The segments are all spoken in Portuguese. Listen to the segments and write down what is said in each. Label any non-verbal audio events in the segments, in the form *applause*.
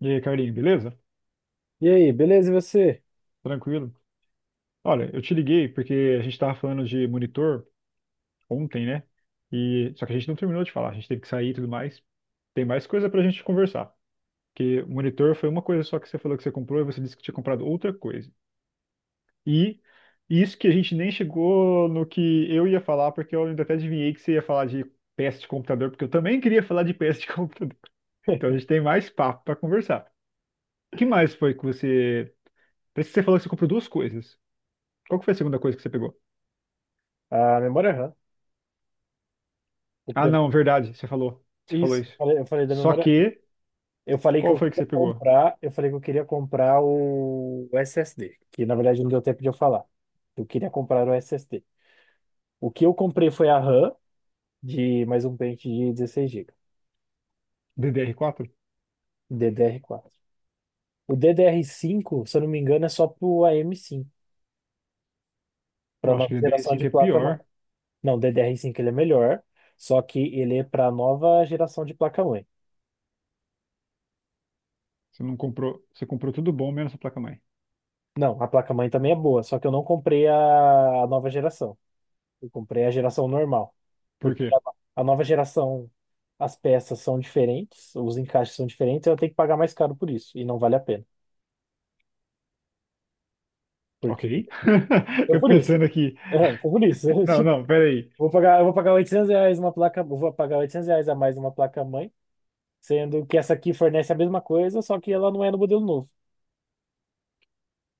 E aí, Carlinhos, beleza? E aí, beleza, e você? Tranquilo? Olha, eu te liguei porque a gente estava falando de monitor ontem, né? E só que a gente não terminou de falar, a gente teve que sair e tudo mais. Tem mais coisa pra gente conversar. Porque monitor foi uma coisa só que você falou que você comprou e você disse que tinha comprado outra coisa. E isso que a gente nem chegou no que eu ia falar, porque eu ainda até adivinhei que você ia falar de peça de computador, porque eu também queria falar de peça de *laughs* computador. Então a gente tem mais papo pra conversar. O que mais foi que você. Parece que você falou que você comprou duas coisas. Qual que foi a segunda coisa que você pegou? A memória RAM. O Ah, primeiro... não, verdade, você falou. Você falou Isso, eu isso. falei, eu falei da Só memória RAM. que, qual foi que você pegou? Eu falei que eu queria comprar o SSD, que na verdade não deu tempo de eu falar. Eu queria comprar o SSD. O que eu comprei foi a RAM de mais um pente de 16 GB, DDR4. DDR4. O DDR5, se eu não me engano, é só pro AM5, Eu para acho nova que ddr geração de cinco é placa-mãe. pior. Não, o DDR5 ele é melhor, só que ele é para nova geração de placa-mãe. Você não comprou, você comprou tudo bom menos a placa-mãe. Não, a placa-mãe também é boa, só que eu não comprei a nova geração. Eu comprei a geração normal. Por Porque quê? a nova geração, as peças são diferentes, os encaixes são diferentes, eu tenho que pagar mais caro por isso. E não vale a pena. Ok. Porque. *laughs* É Eu por isso. pensando *laughs* aqui. É *laughs* por isso. *laughs* Não, Tipo, não, peraí. Eu vou pagar R$ 800 uma placa. Eu Vou pagar 800 reais a mais uma placa-mãe, sendo que essa aqui fornece a mesma coisa, só que ela não é no modelo novo.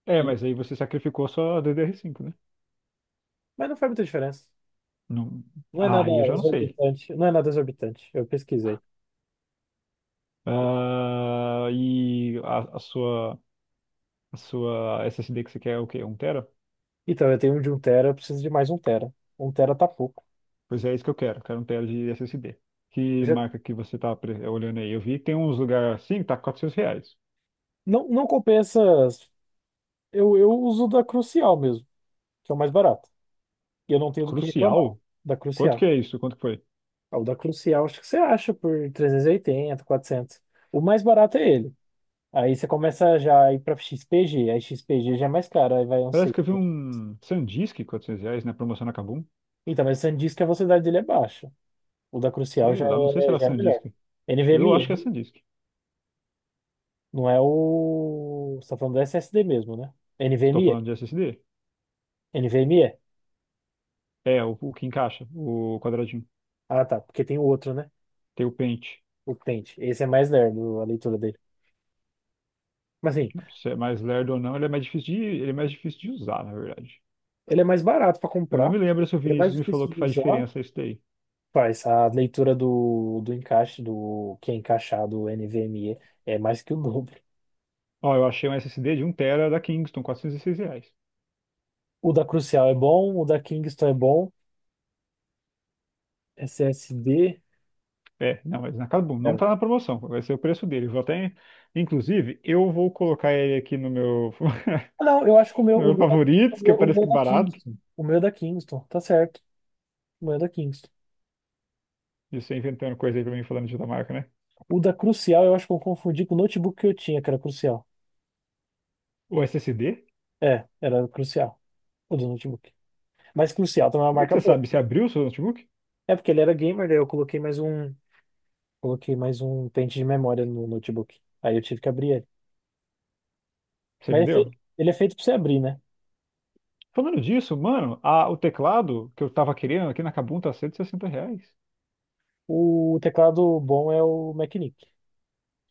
É, E- mas aí você sacrificou só a DDR5, né? mas não faz muita diferença. Não... Não é Ah, nada aí eu já não sei. exorbitante. Não é nada exorbitante. Eu pesquisei. Ah, e a sua SSD que você quer é o quê? Um tera? Então, eu tenho um de um tera, eu preciso de mais um tera. Um tera tá pouco. Pois é, isso que eu quero. Quero um tela de SSD. Que Já marca que você tá olhando aí? Eu vi que tem uns lugares assim que tá 400 reais. não, não compensa. Eu uso da Crucial mesmo, que é o mais barato. E eu não tenho do que reclamar Crucial? da Quanto que Crucial. é isso? Quanto que foi? Ah, o da Crucial, acho que você acha por 380, 400 O mais barato é ele. Aí você começa já a ir pra XPG. Aí XPG já é mais caro, aí vai um Parece que eu vi 600. um SanDisk 400 reais na promoção na Kabum. Então, mas você diz que a velocidade dele é baixa. O da Crucial Sei já lá, não sei se é, era já é melhor. SanDisk. Eu acho que é NVMe, SanDisk. não é o. Você tá falando do SSD mesmo, né? Estou NVMe. falando de SSD. NVMe. O que encaixa, o quadradinho. Ah, tá. Porque tem o outro, né? Tem o pente. O Tente. Esse é mais lerdo, a leitura dele. Mas assim, Não, se é mais lerdo ou não, ele é mais difícil de, ele é mais difícil de usar, na verdade. ele é mais barato pra Eu não comprar, me lembro se o ele é mais Vinícius me falou difícil que de faz usar. diferença isso daí. Faz a leitura do encaixe, do que é encaixado, o NVMe, é mais que o dobro. Ó, eu achei um SSD de um tera da Kingston, 406 reais. O da Crucial é bom, o da Kingston é bom, SSD. Não, mas na Kabum, não É. tá na promoção, vai ser o preço dele. Vou até, inclusive, eu vou colocar ele aqui no meu, Ah, não, eu acho que o *laughs* meu, no o meu meu, o favoritos, meu, que o parece meu é que é da barato. Kingston. O meu é da Kingston, tá certo. O meu é da Kingston. Isso é inventando coisa aí pra mim falando de outra marca, né? O da Crucial, eu acho que eu confundi com o notebook que eu tinha, que era Crucial. O SSD? É, era Crucial, o do notebook. Mas Crucial também é uma Como é que marca você boa. sabe? Você abriu o seu notebook? É porque ele era gamer, daí eu coloquei mais um pente de memória no notebook. Aí eu tive que abrir ele. Você Mas ele é vendeu? feito, ele é feito para você abrir, né? Falando disso, mano, o teclado que eu tava querendo aqui na Kabum tá 160 reais. O teclado bom é o Macnic.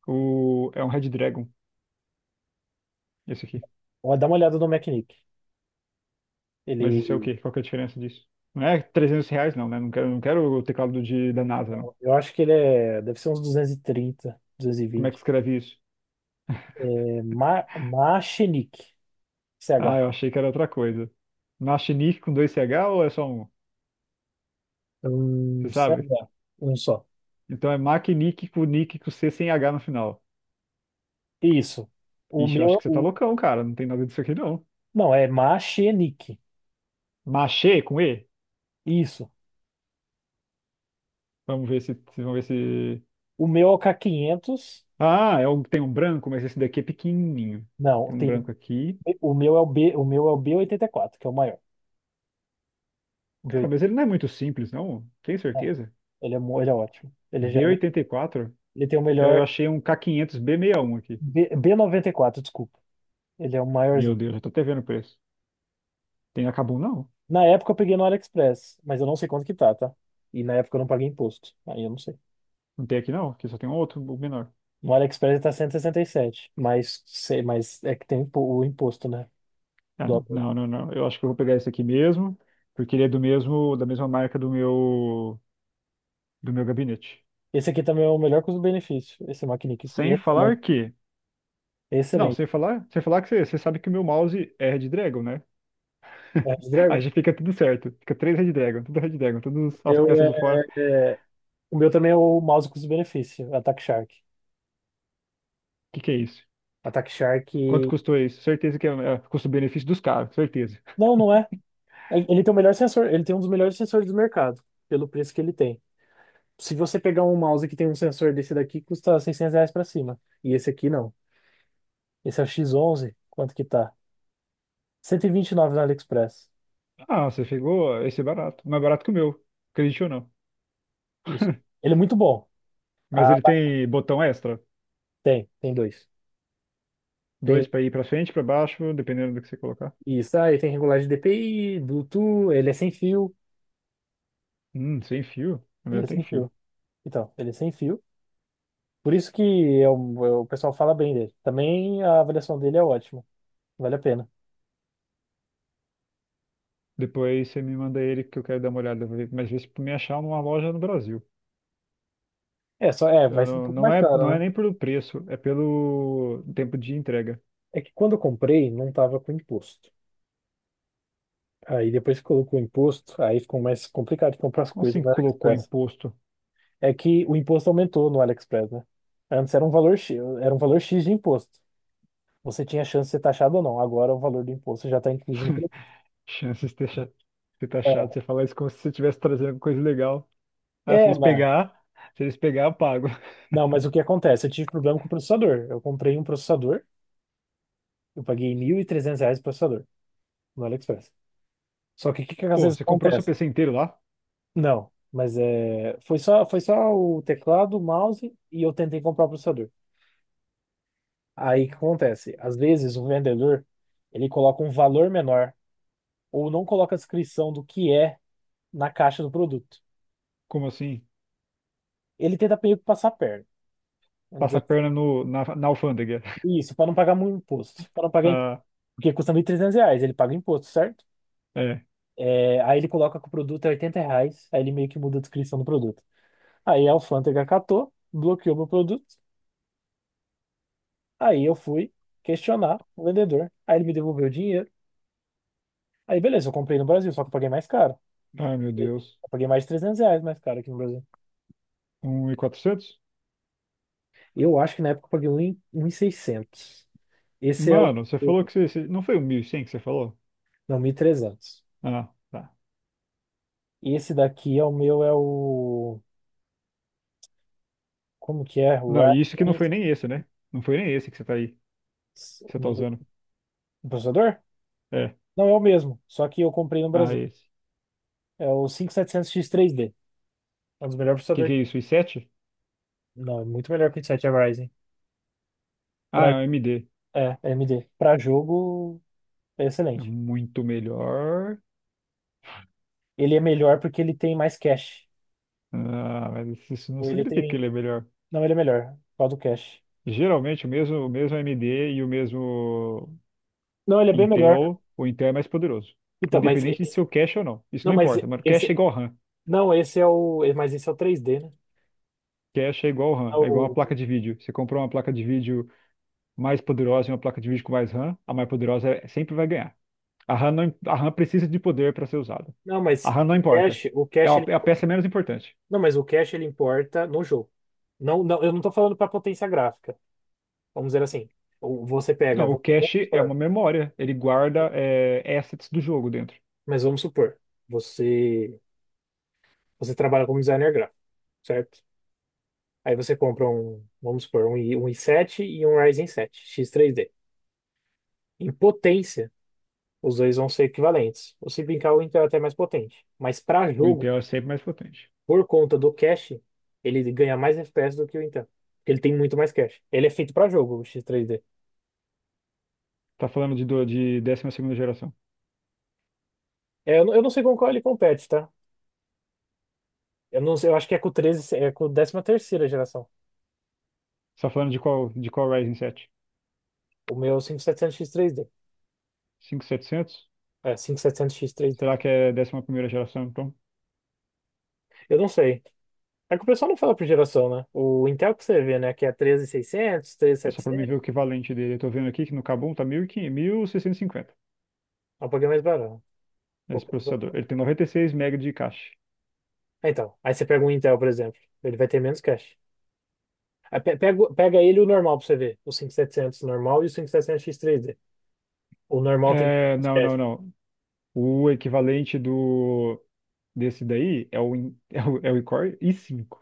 É um Red Dragon, esse aqui. Ó, dá uma olhada no Macnic. Mas Ele, isso é o quê? Qual que é a diferença disso? Não é 300 reais, não, né? Não quero, não quero o teclado da NASA, não. eu acho que deve ser uns 230, Como é que 220. escreve isso? É, Machinic, Ah, CH. eu achei que era outra coisa. Machinique com dois C H ou é só um? Você Um sabe? CH, um só. Então é Macnique com Nick com C sem H no final. Isso. O Ixi, eu acho meu, que você tá o, loucão, cara. Não tem nada disso aqui, não. não, é Machinic. Machê com E? Isso. Vamos ver se, vamos ver se. O meu é o K500. Ah, tem um branco, mas esse daqui é pequenininho. Não, Tem um tem. branco aqui. O meu é o B oitenta e quatro que é o maior. O b Cara, oitenta mas ele não é muito simples, não. e Tem quatro certeza? Ele é ótimo. Ele já, b é- me- oitenta E quatro? Ele tem o E aí, eu melhor achei um K500 B61 aqui. B94. Desculpa. Ele é o Meu maiorzinho. Deus, eu tô até vendo o preço. Tem acabou, não? Na época eu peguei no AliExpress, mas eu não sei quanto que tá, tá? E na época eu não paguei imposto. Aí eu não sei. Não tem aqui, não? Aqui só tem um outro, o menor. No AliExpress ele tá 167, mas sei, mas é que tem o imposto, né? Ah, do não, não, não, não. Eu acho que eu vou pegar esse aqui mesmo, porque ele é da mesma marca do meu gabinete. Esse aqui também é o melhor custo-benefício. Esse Mackinic aqui, Sem falar excelente, que, não, excelente. sem falar que você sabe que o meu mouse é Red Dragon, né? *laughs* É, Aí Dragon, já fica tudo certo. Fica três Red Dragon, tudo Red Dragon, todas as eu peças é, de fora. O é, o meu também é o mouse custo-benefício, Attack Shark. que que é isso? Attack Shark. Quanto custou isso? Certeza que é custo-benefício dos caras, certeza. Não, não é. Ele tem o melhor sensor, ele tem um dos melhores sensores do mercado, pelo preço que ele tem. Se você pegar um mouse que tem um sensor desse daqui, custa R$ 600 pra cima. E esse aqui não. Esse é o X11 quanto que tá? Cento e vinte e nove no AliExpress. Ah, você pegou esse é barato, mais barato que o meu, acredite ou não. Isso. Ele é muito bom. Mas Ah, ele tem botão extra, tem dois. Tem dois para ir para frente, para baixo, dependendo do que você colocar. isso, aí tem regulagem de DPI, Bluetooth, ele é sem fio. Sem fio? O Ele meu é tem sem fio. fio. Então, ele é sem fio. Por isso que é o pessoal fala bem dele. Também a avaliação dele é ótima. Vale a pena. Depois você me manda ele que eu quero dar uma olhada, mas vê se me achar numa loja no Brasil. É, só, é, Eu vai ser um não, pouco não mais é, não caro, é né? nem pelo preço, é pelo tempo de entrega. É que quando eu comprei, não tava com imposto. Aí depois que colocou o imposto, aí ficou mais complicado de comprar as Como coisas assim no colocou AliExpress. imposto? É que o imposto aumentou no AliExpress, né? Antes era um valor X, era um valor X de imposto. Você tinha chance de ser taxado ou não. Agora o valor do imposto já está incluso no *laughs* produto. Chances de ter de tá chato você falar isso como se você estivesse trazendo alguma coisa legal. Ah, É, se é, eles mas, pegar, se eles pegar, eu pago. *laughs* não, mas o que acontece? Eu tive problema com o processador. Eu comprei um processador, eu paguei R$ 1.300 o processador no AliExpress. Só que o que que às Pô, vezes você comprou seu acontece? PC inteiro lá? Não, mas é, foi só o teclado, o mouse e eu tentei comprar o processador. Aí o que acontece? Às vezes o vendedor ele coloca um valor menor ou não coloca a descrição do que é na caixa do produto. Como assim? Ele tenta meio que passar a perna. Vamos Passa dizer, a perna no, na, na alfândega. *laughs* assim. Isso, para não pagar muito imposto. Para não pagar, Ah, porque custa R$ 1.300, ele paga imposto, certo? é. É, aí ele coloca que o produto é R$ 80, aí ele meio que muda a descrição do produto. Aí a alfândega catou, bloqueou meu produto. Aí eu fui questionar o vendedor. Aí ele me devolveu o dinheiro. Aí beleza, eu comprei no Brasil, só que eu paguei mais caro. Ai, meu Deus. Eu paguei mais de R$ 300 mais caro aqui no Brasil. Um e quatrocentos? Eu acho que na época eu paguei 1.000 seiscentos. Esse é o. Mano, você falou que não foi o 1100 que você falou? Não, mil e trezentos. Ah, tá. E esse daqui é o meu, é o. Como que é? O Não, e isso que não Ryzen. foi nem esse, né? Não foi nem esse que você tá aí. Que O você tá meu- usando. o processador? É. Não, é o mesmo, só que eu comprei no Ah, Brasil. esse. É o 5700 x três d. É um dos melhores Que processadores. é isso? O i7? Não, é muito melhor que o Ryzen 7. Ah, é Pra... um AMD. É, AMD. Para jogo, é É excelente. muito melhor. Ele é melhor porque ele tem mais cache. Ah, mas isso não Ou ele significa que tem. ele é melhor. Não, ele é melhor. Qual do cache? Geralmente o mesmo AMD e o mesmo Não, ele é bem melhor. Intel, o Intel é mais poderoso. Então, mas Independente de esse. ser o cache ou não. Isso Não, não mas importa, mano. Cache esse. é igual RAM. Não, esse é o. Mas esse é o três d, né? Cache é igual Ah, RAM. É igual uma o- placa de vídeo. Você comprou uma placa de vídeo mais poderosa e uma placa de vídeo com mais RAM, a mais poderosa sempre vai ganhar. A RAM, não, a RAM precisa de poder para ser usada. Não, A mas RAM não o importa. cache, o É cache, a, ele... é a peça menos importante. Não, mas o cache ele importa no jogo. Não, não, eu não tô falando para potência gráfica. Vamos dizer assim. Ou Não, o vamos cache é supor, uma memória. Ele guarda assets do jogo dentro. mas vamos supor, você você trabalha como designer gráfico, certo? Aí você compra um, vamos supor, um, um i7 e um Ryzen 7 x três d. Em potência, os dois vão ser equivalentes. Ou se brincar, o Intel é até mais potente. Mas para O jogo, Intel é sempre mais potente. por conta do cache, ele ganha mais FPS do que o Intel. Porque ele tem muito mais cache. Ele é feito para jogo, o X3D. Tá falando de décima segunda geração. É, não, eu não sei com qual ele compete, tá? Eu não sei, eu acho que é com o 13, é com a 13ª geração. Você tá falando de qual Ryzen O meu é o 5700X3D. 7? Setecentos? É, 5700X3D. Será que é décima primeira geração, então? Eu não sei. É que o pessoal não fala por geração, né? O Intel que você vê, né? Que é 13600, É só para mim 13700, ver o equivalente dele. Eu tô vendo aqui que no Kabum tá mil e quinhentos, mil seiscentos e cinquenta. é um pouquinho mais barato. Esse pouco- processador. Ele tem 96 megas de cache. Ah, então, aí você pega um Intel, por exemplo. Ele vai ter menos cache. Pega ele e o normal pra você ver. O 5700 normal e o 5700 x três d. O normal tem É, mais não, não, teste, não. O equivalente do desse daí *laughs* é o Core i5.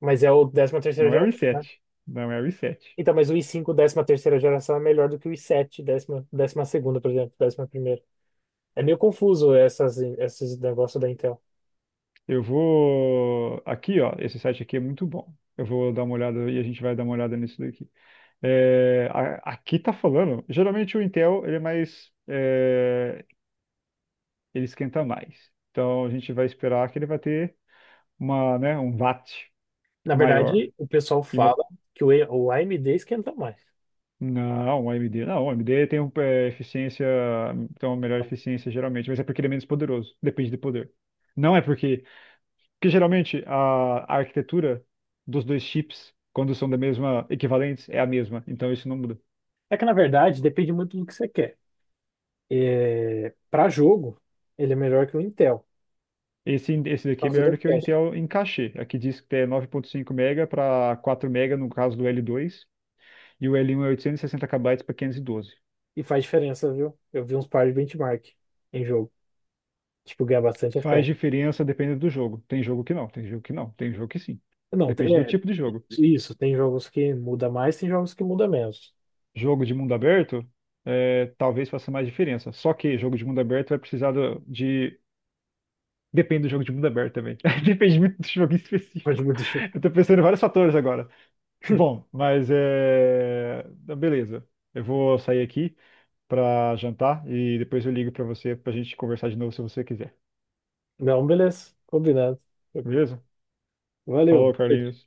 mas é o 13ª Não é o i geração, né? sete. Não é o I sete. Então, mas o i5 13ª geração é melhor do que o i7 12ª por exemplo, décima ª. É meio confuso essas, esses negócios da Intel. Eu vou aqui, ó. Esse site aqui é muito bom. Eu vou dar uma olhada e a gente vai dar uma olhada nisso daqui. É, aqui tá falando. Geralmente o Intel ele é mais, ele esquenta mais. Então a gente vai esperar que ele vai ter uma, né, um watt Na maior verdade, o pessoal e uma. fala que o AMD esquenta mais. Não, o AMD. Não, o AMD tem um, eficiência, tem uma melhor Então, eficiência geralmente, mas é porque ele é menos poderoso. Depende do poder. Não é porque. Porque geralmente a arquitetura dos dois chips, quando são da mesma equivalentes, é a mesma. Então isso não muda. é que, na verdade, depende muito do que você quer. É, para jogo, ele é melhor que o Intel, Esse daqui por é causa melhor do do que o cache. Intel em cachê. Aqui diz que é 9,5 mega para 4 mega no caso do L2, e o L1 é 860 KB para 512. E faz diferença, viu? Eu vi uns par de benchmark em jogo. Tipo, ganha bastante Faz FPS. diferença dependendo do jogo. Tem jogo que não, tem jogo que não, tem jogo que sim. Não, Depende do é tipo de jogo. isso. Tem jogos que muda mais, tem jogos que muda menos. Jogo de mundo aberto, talvez faça mais diferença. Só que jogo de mundo aberto vai precisar de. Depende do jogo de mundo aberto também. *laughs* Depende muito do jogo em Pode específico. mudar. *laughs* Eu tô pensando em vários fatores agora. *laughs* Bom, mas é. Então, beleza. Eu vou sair aqui pra jantar e depois eu ligo pra você pra gente conversar de novo se você quiser. Não, beleza. Combinado. Tranquilo. Beleza? Valeu. Falou, Carlinhos.